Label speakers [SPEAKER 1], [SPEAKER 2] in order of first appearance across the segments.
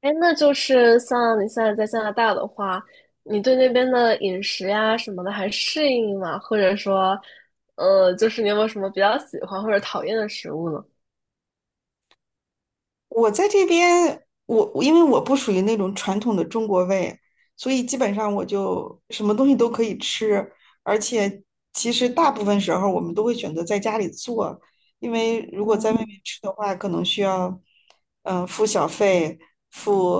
[SPEAKER 1] 哎，那就是像你现在在加拿大的话，你对那边的饮食呀什么的还适应吗？或者说，就是你有没有什么比较喜欢或者讨厌的食物呢？
[SPEAKER 2] 我在这边，我因为我不属于那种传统的中国胃，所以基本上我就什么东西都可以吃，而且其实大部分时候我们都会选择在家里做，因为如果在外面
[SPEAKER 1] 嗯。
[SPEAKER 2] 吃的话，可能需要付小费、付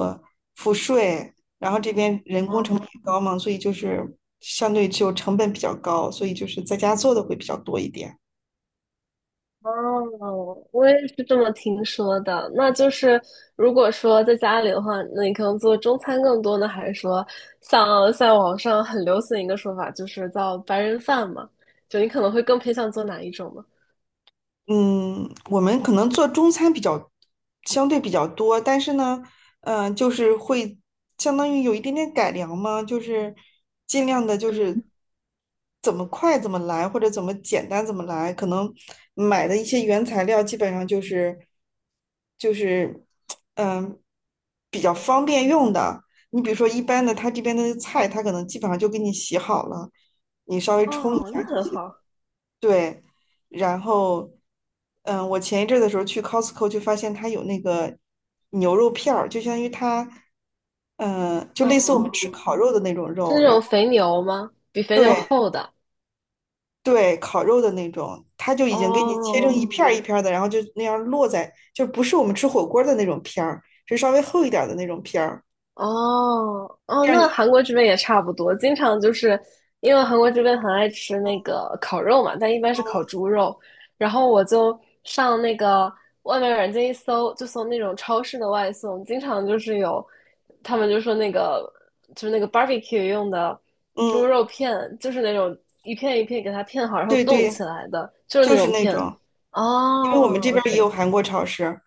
[SPEAKER 2] 付税，然后这边人工
[SPEAKER 1] 哦。
[SPEAKER 2] 成本也高嘛，所以就是相对就成本比较高，所以就是在家做的会比较多一点。
[SPEAKER 1] 哦，我也是这么听说的。那就是如果说在家里的话，那你可能做中餐更多呢，还是说像在网上很流行一个说法，就是叫白人饭嘛？就你可能会更偏向做哪一种呢？
[SPEAKER 2] 嗯，我们可能做中餐比较相对比较多，但是呢，就是会相当于有一点点改良嘛，就是尽量的，就
[SPEAKER 1] 嗯。
[SPEAKER 2] 是怎么快怎么来，或者怎么简单怎么来。可能买的一些原材料基本上就是嗯、比较方便用的。你比如说一般的，他这边的菜，他可能基本上就给你洗好了，你稍微冲一
[SPEAKER 1] 哦，那
[SPEAKER 2] 下就
[SPEAKER 1] 很
[SPEAKER 2] 行。
[SPEAKER 1] 好。
[SPEAKER 2] 对，然后，嗯，我前一阵儿的时候去 Costco 就发现它有那个牛肉片儿，就相当于它，嗯，就类似我们
[SPEAKER 1] 哦。
[SPEAKER 2] 吃烤肉的那种
[SPEAKER 1] 是
[SPEAKER 2] 肉，
[SPEAKER 1] 那
[SPEAKER 2] 然
[SPEAKER 1] 种
[SPEAKER 2] 后
[SPEAKER 1] 肥牛吗？比肥牛
[SPEAKER 2] 对
[SPEAKER 1] 厚的。
[SPEAKER 2] 对，烤肉的那种，它就已经给你切成一
[SPEAKER 1] 哦
[SPEAKER 2] 片儿一片儿的，然后就那样落在，就不是我们吃火锅儿的那种片儿，是稍微厚一点儿的那种片儿，
[SPEAKER 1] 哦哦，
[SPEAKER 2] 这样你，
[SPEAKER 1] 那韩国这边也差不多，经常就是因为韩国这边很爱吃那个烤肉嘛，但一般是烤猪肉。然后我就上那个外卖软件一搜，就搜那种超市的外送，经常就是有，他们就说那个就是那个 barbecue 用的猪
[SPEAKER 2] 嗯，
[SPEAKER 1] 肉片，就是那种一片一片给它片好，然后
[SPEAKER 2] 对
[SPEAKER 1] 冻
[SPEAKER 2] 对，
[SPEAKER 1] 起来的，就是
[SPEAKER 2] 就
[SPEAKER 1] 那
[SPEAKER 2] 是
[SPEAKER 1] 种
[SPEAKER 2] 那
[SPEAKER 1] 片。
[SPEAKER 2] 种。因为我们
[SPEAKER 1] 哦
[SPEAKER 2] 这边儿也有
[SPEAKER 1] ，OK。
[SPEAKER 2] 韩国超市，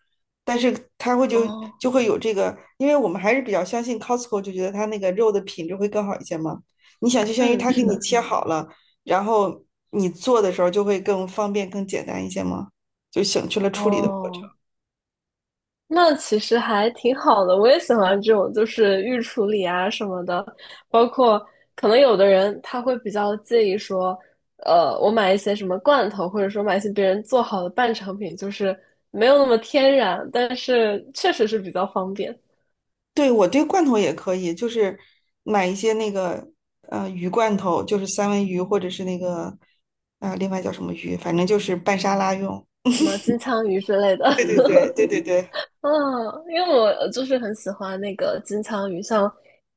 [SPEAKER 2] 但是它会就
[SPEAKER 1] 哦，
[SPEAKER 2] 就会有这个，因为我们还是比较相信 Costco,就觉得它那个肉的品质会更好一些嘛。你想，就相当于
[SPEAKER 1] 嗯，
[SPEAKER 2] 他给
[SPEAKER 1] 是
[SPEAKER 2] 你
[SPEAKER 1] 的。
[SPEAKER 2] 切好了，然后你做的时候就会更方便、更简单一些嘛，就省去了处理的过程。
[SPEAKER 1] 哦，那其实还挺好的，我也喜欢这种，就是预处理啊什么的，包括可能有的人他会比较介意说，我买一些什么罐头，或者说买一些别人做好的半成品，就是没有那么天然，但是确实是比较方便。
[SPEAKER 2] 对，我对罐头也可以，就是买一些那个鱼罐头，就是三文鱼或者是那个另外叫什么鱼，反正就是拌沙拉用。
[SPEAKER 1] 什么金枪鱼之类的。
[SPEAKER 2] 对对对对对对，
[SPEAKER 1] 啊，因为我就是很喜欢那个金枪鱼，像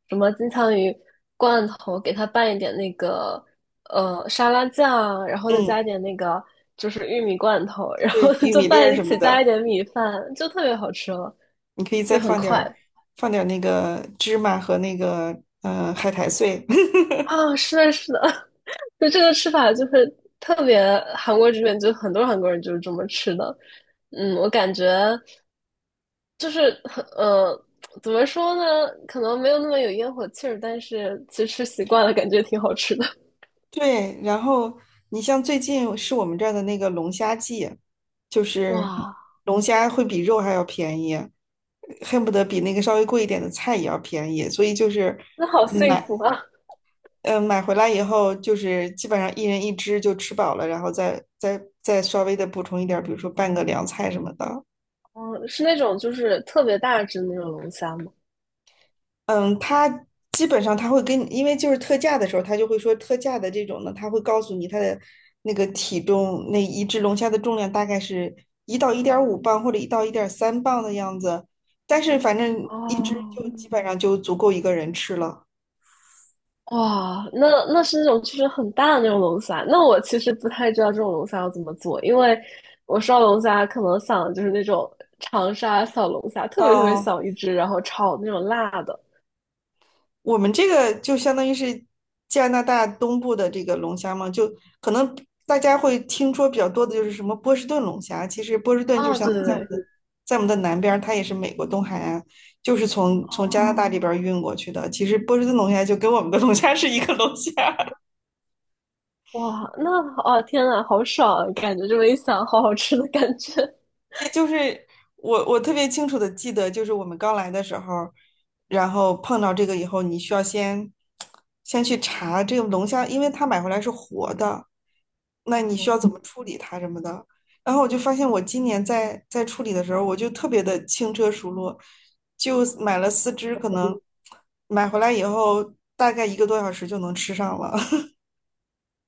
[SPEAKER 1] 什么金枪鱼罐头，给它拌一点那个沙拉酱，然后再
[SPEAKER 2] 嗯，
[SPEAKER 1] 加一点那个就是玉米罐头，然后
[SPEAKER 2] 对，玉
[SPEAKER 1] 就
[SPEAKER 2] 米粒
[SPEAKER 1] 拌
[SPEAKER 2] 儿
[SPEAKER 1] 一
[SPEAKER 2] 什么
[SPEAKER 1] 起，加一
[SPEAKER 2] 的。
[SPEAKER 1] 点米饭，就特别好吃了，
[SPEAKER 2] 你可以
[SPEAKER 1] 又
[SPEAKER 2] 再
[SPEAKER 1] 很
[SPEAKER 2] 放点
[SPEAKER 1] 快。
[SPEAKER 2] 儿放点儿那个芝麻和那个海苔碎。
[SPEAKER 1] 啊！是的，是的。就这个吃法就是特别韩国这边，就很多韩国人就是这么吃的，嗯，我感觉。就是呃，怎么说呢？可能没有那么有烟火气儿，但是其实吃习惯了，感觉挺好吃的。
[SPEAKER 2] 对，然后你像最近是我们这儿的那个龙虾季，就是
[SPEAKER 1] 哇，
[SPEAKER 2] 龙虾会比肉还要便宜，恨不得比那个稍微贵一点的菜也要便宜，所以就是
[SPEAKER 1] 那好
[SPEAKER 2] 嗯
[SPEAKER 1] 幸
[SPEAKER 2] 买
[SPEAKER 1] 福啊！
[SPEAKER 2] 买回来以后，就是基本上一人一只就吃饱了，然后再稍微的补充一点儿，比如说拌个凉菜什么的。
[SPEAKER 1] 嗯，是那种就是特别大只的那种龙虾吗？
[SPEAKER 2] 嗯，他基本上他会跟你，因为就是特价的时候，他就会说特价的这种呢，他会告诉你他的那个体重，那一只龙虾的重量大概是1到1.5磅或者1到1.3磅的样子，但是反正一只
[SPEAKER 1] 哦，
[SPEAKER 2] 就基本上就足够一个人吃了。
[SPEAKER 1] 哇，那那是那种就是很大的那种龙虾。那我其实不太知道这种龙虾要怎么做，因为我烧龙虾可能想的就是那种长沙小龙虾，特别特别
[SPEAKER 2] 嗯，
[SPEAKER 1] 小一只，然后炒那种辣的。
[SPEAKER 2] 我们这个就相当于是加拿大东部的这个龙虾嘛，就可能大家会听说比较多的就是什么波士顿龙虾，其实波士顿就
[SPEAKER 1] 哦，
[SPEAKER 2] 相
[SPEAKER 1] 对
[SPEAKER 2] 当
[SPEAKER 1] 对
[SPEAKER 2] 于在我们
[SPEAKER 1] 对。
[SPEAKER 2] 的在我们的南边儿它也是美国东海岸，就是从加拿大
[SPEAKER 1] 哦。
[SPEAKER 2] 这边儿运过去的。其实波士顿龙虾就跟我们的龙虾是一个龙虾。
[SPEAKER 1] 哇，那哦天呐，好爽啊！感觉这么一想，好好吃的感觉。
[SPEAKER 2] 就是我特别清楚的记得，就是我们刚来的时候，然后碰到这个以后，你需要先去查这个龙虾，因为它买回来是活的，那你需要
[SPEAKER 1] 嗯，
[SPEAKER 2] 怎么处理它什么的。然后我就发现，我今年在处理的时候，我就特别的轻车熟路，就买了四只，可能买回来以后大概一个多小时就能吃上了。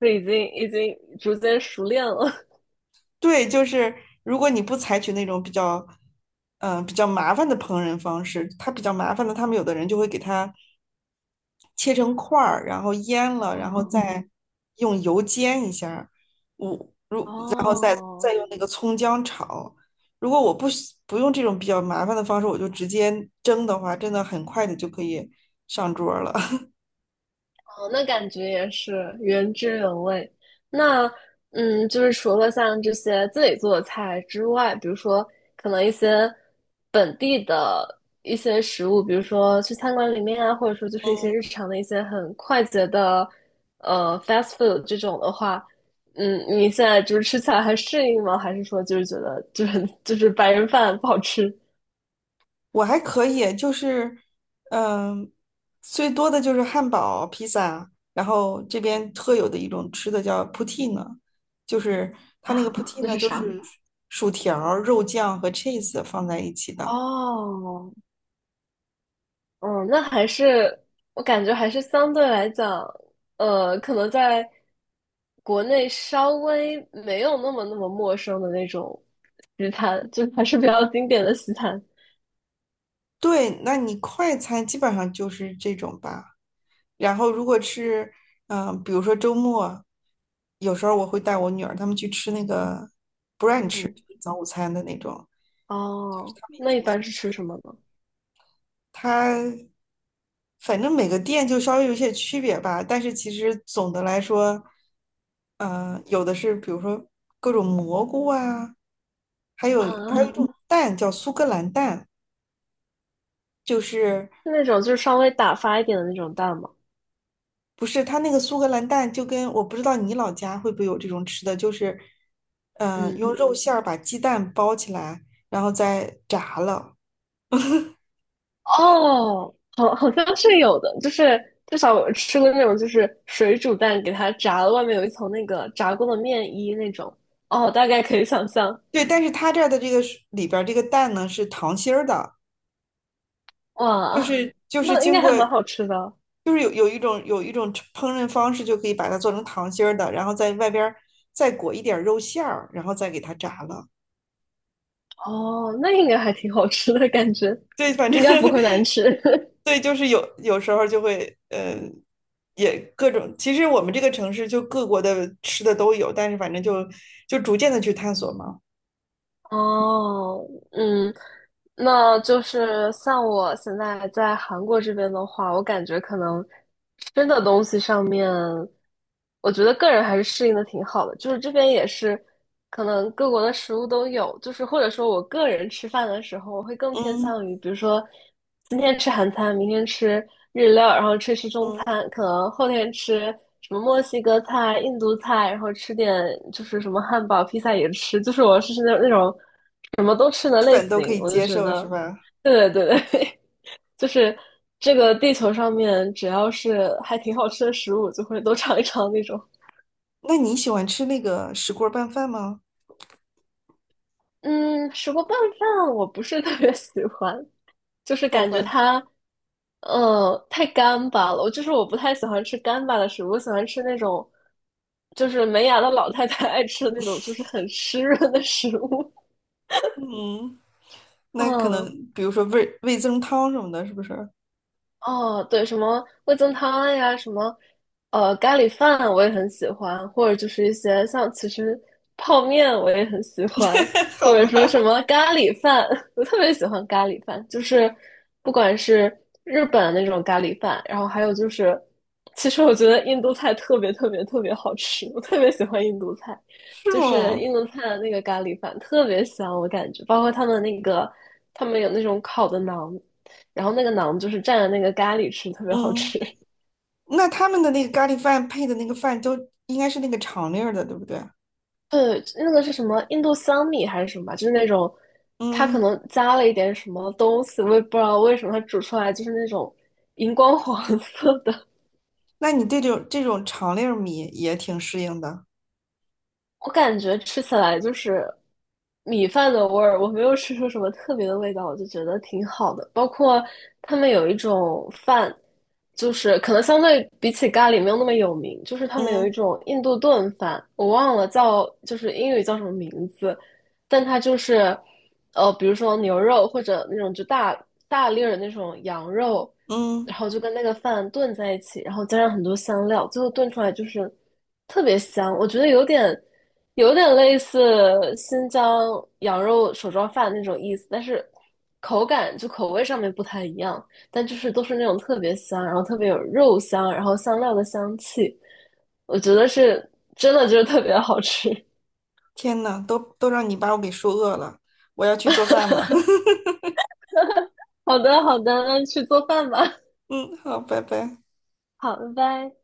[SPEAKER 1] 就已经逐渐熟练了。
[SPEAKER 2] 对，就是如果你不采取那种比较，比较麻烦的烹饪方式，它比较麻烦的，他们有的人就会给它切成块儿，然后腌 了，然后
[SPEAKER 1] 哦
[SPEAKER 2] 再用油煎一下儿
[SPEAKER 1] 哦。
[SPEAKER 2] 再用那个葱姜炒。如果我不用这种比较麻烦的方式，我就直接蒸的话，真的很快的就可以上桌儿了。
[SPEAKER 1] 哦，那感觉也是原汁原味。那嗯，就是除了像这些自己做的菜之外，比如说可能一些本地的一些食物，比如说去餐馆里面啊，或者说就是一些日
[SPEAKER 2] 嗯，
[SPEAKER 1] 常的一些很快捷的fast food 这种的话，嗯，你现在就是吃起来还适应吗？还是说就是觉得就是白人饭不好吃。
[SPEAKER 2] 我还可以，就是，嗯、最多的就是汉堡、披萨，然后这边特有的一种吃的叫 poutine,就是 它那个
[SPEAKER 1] 啊？那
[SPEAKER 2] poutine
[SPEAKER 1] 是
[SPEAKER 2] 就
[SPEAKER 1] 啥？
[SPEAKER 2] 是薯条儿肉酱和 cheese 放在一起的。
[SPEAKER 1] 哦，嗯，那还是我感觉还是相对来讲，可能在国内稍微没有那么那么陌生的那种西餐，就还是比较经典的西餐。
[SPEAKER 2] 对，那你快餐基本上就是这种吧。然后如果是，比如说周末，有时候我会带我女儿她们去吃那个 brunch,
[SPEAKER 1] 嗯。
[SPEAKER 2] 就是早午餐的那种。就是
[SPEAKER 1] 哦，
[SPEAKER 2] 她们也
[SPEAKER 1] 那一
[SPEAKER 2] 挺喜
[SPEAKER 1] 般是吃什么呢？
[SPEAKER 2] 它反正每个店就稍微有些区别吧，但是其实总的来说，嗯，有的是比如说各种蘑菇啊，还有
[SPEAKER 1] 啊，
[SPEAKER 2] 还有一嗯
[SPEAKER 1] 是
[SPEAKER 2] 种嗯蛋叫苏格兰蛋，就是
[SPEAKER 1] 那种就是稍微打发一点的那种蛋吗？
[SPEAKER 2] 不是它那个苏格兰蛋就跟我不知道你老家会不会有这种吃的，就是
[SPEAKER 1] 嗯。
[SPEAKER 2] 用肉馅儿把鸡蛋包起来，然后再炸了。
[SPEAKER 1] 哦，好，好像是有的，就是至少我吃过那种就是水煮蛋，给它炸了，外面有一层那个炸过的面衣那种。哦，大概可以想象。
[SPEAKER 2] 对，但是它这儿的这个是里边儿这个蛋呢是糖心儿的，就
[SPEAKER 1] 哇，
[SPEAKER 2] 是就是
[SPEAKER 1] 那应
[SPEAKER 2] 经
[SPEAKER 1] 该还
[SPEAKER 2] 过，
[SPEAKER 1] 蛮好吃的。
[SPEAKER 2] 就是有一种烹饪方式，就可以把它做成糖心儿的，然后在外边儿再裹一点儿肉馅儿，然后再给它炸了。
[SPEAKER 1] 哦，那应该还挺好吃的感觉，
[SPEAKER 2] 对，反正
[SPEAKER 1] 应该不 会难吃。
[SPEAKER 2] 对，就是有时候就会，嗯，也各种。其实我们这个城市就各国的吃的都有，但是反正就逐渐的去探索嘛。
[SPEAKER 1] 哦。嗯。那就是像我现在在韩国这边的话，我感觉可能吃的东西上面，我觉得个人还是适应的挺好的。就是这边也是，可能各国的食物都有。就是或者说我个人吃饭的时候，我会更偏
[SPEAKER 2] 嗯
[SPEAKER 1] 向于，比如说今天吃韩餐，明天吃日料，然后吃吃中
[SPEAKER 2] 嗯，
[SPEAKER 1] 餐，可能后天吃什么墨西哥菜、印度菜，然后吃点就是什么汉堡、披萨也吃。就是我是那那种。什么都吃的
[SPEAKER 2] 基
[SPEAKER 1] 类
[SPEAKER 2] 本都可
[SPEAKER 1] 型。
[SPEAKER 2] 以
[SPEAKER 1] 我就
[SPEAKER 2] 接
[SPEAKER 1] 觉
[SPEAKER 2] 受，
[SPEAKER 1] 得，
[SPEAKER 2] 是吧？
[SPEAKER 1] 对对对对。 就是这个地球上面只要是还挺好吃的食物，就会都尝一尝那种。
[SPEAKER 2] 那你喜欢吃那个石锅拌饭吗？
[SPEAKER 1] 嗯，石锅拌饭我不是 特别喜欢，就是
[SPEAKER 2] 好
[SPEAKER 1] 感觉
[SPEAKER 2] 吧，
[SPEAKER 1] 它，嗯，太干巴了。我就是我不太喜欢吃干巴的食物，我喜欢吃那种，就是没牙的老太太 爱吃的那种，就是很湿润的食物。
[SPEAKER 2] 嗯。那可能
[SPEAKER 1] 嗯。
[SPEAKER 2] 比如说味增汤什么的，是不是？
[SPEAKER 1] 哦，对，什么味增汤呀，什么咖喱饭，我也很喜欢，或者就是一些像其实泡面我也很喜欢，或
[SPEAKER 2] 好
[SPEAKER 1] 者说
[SPEAKER 2] 吧，
[SPEAKER 1] 什么咖喱饭，我特别喜欢咖喱饭，就是不管是日本的那种咖喱饭，然后还有就是，其实我觉得印度菜特别特别特别好吃，我特别喜欢印度菜，
[SPEAKER 2] 是
[SPEAKER 1] 就是
[SPEAKER 2] 吗？
[SPEAKER 1] 印度菜的那个咖喱饭特别香，我感觉，包括他们那个他们有那种烤的馕。然后那个馕就是蘸着那个咖喱吃，特别好
[SPEAKER 2] 嗯，
[SPEAKER 1] 吃。
[SPEAKER 2] 那他们的那个咖喱饭配的那个饭都应该是那个长粒儿的，对不对？
[SPEAKER 1] 对，那个是什么印度香米还是什么？就是那种，它可
[SPEAKER 2] 嗯，
[SPEAKER 1] 能加了一点什么东西，我也不知道为什么它煮出来就是那种荧光黄色的。
[SPEAKER 2] 那你对这种长粒儿米也挺适应的。
[SPEAKER 1] 我感觉吃起来就是米饭的味儿，我没有吃出什么特别的味道，我就觉得挺好的。包括他们有一种饭，就是可能相对比起咖喱没有那么有名，就是他们有一
[SPEAKER 2] 嗯
[SPEAKER 1] 种印度炖饭，我忘了叫，就是英语叫什么名字，但它就是比如说牛肉或者那种就大粒儿的那种羊肉，
[SPEAKER 2] 嗯，
[SPEAKER 1] 然后就跟那个饭炖在一起，然后加上很多香料，最后炖出来就是特别香，我觉得有点。有点类似新疆羊肉手抓饭那种意思，但是口感就口味上面不太一样，但就是都是那种特别香，然后特别有肉香，然后香料的香气，我觉得是真的就是特别好吃。
[SPEAKER 2] 天呐，都让你把我给说饿了，我要去做饭了。
[SPEAKER 1] 好的，好的，那去做饭吧。
[SPEAKER 2] 嗯，好，拜拜。
[SPEAKER 1] 好，拜拜。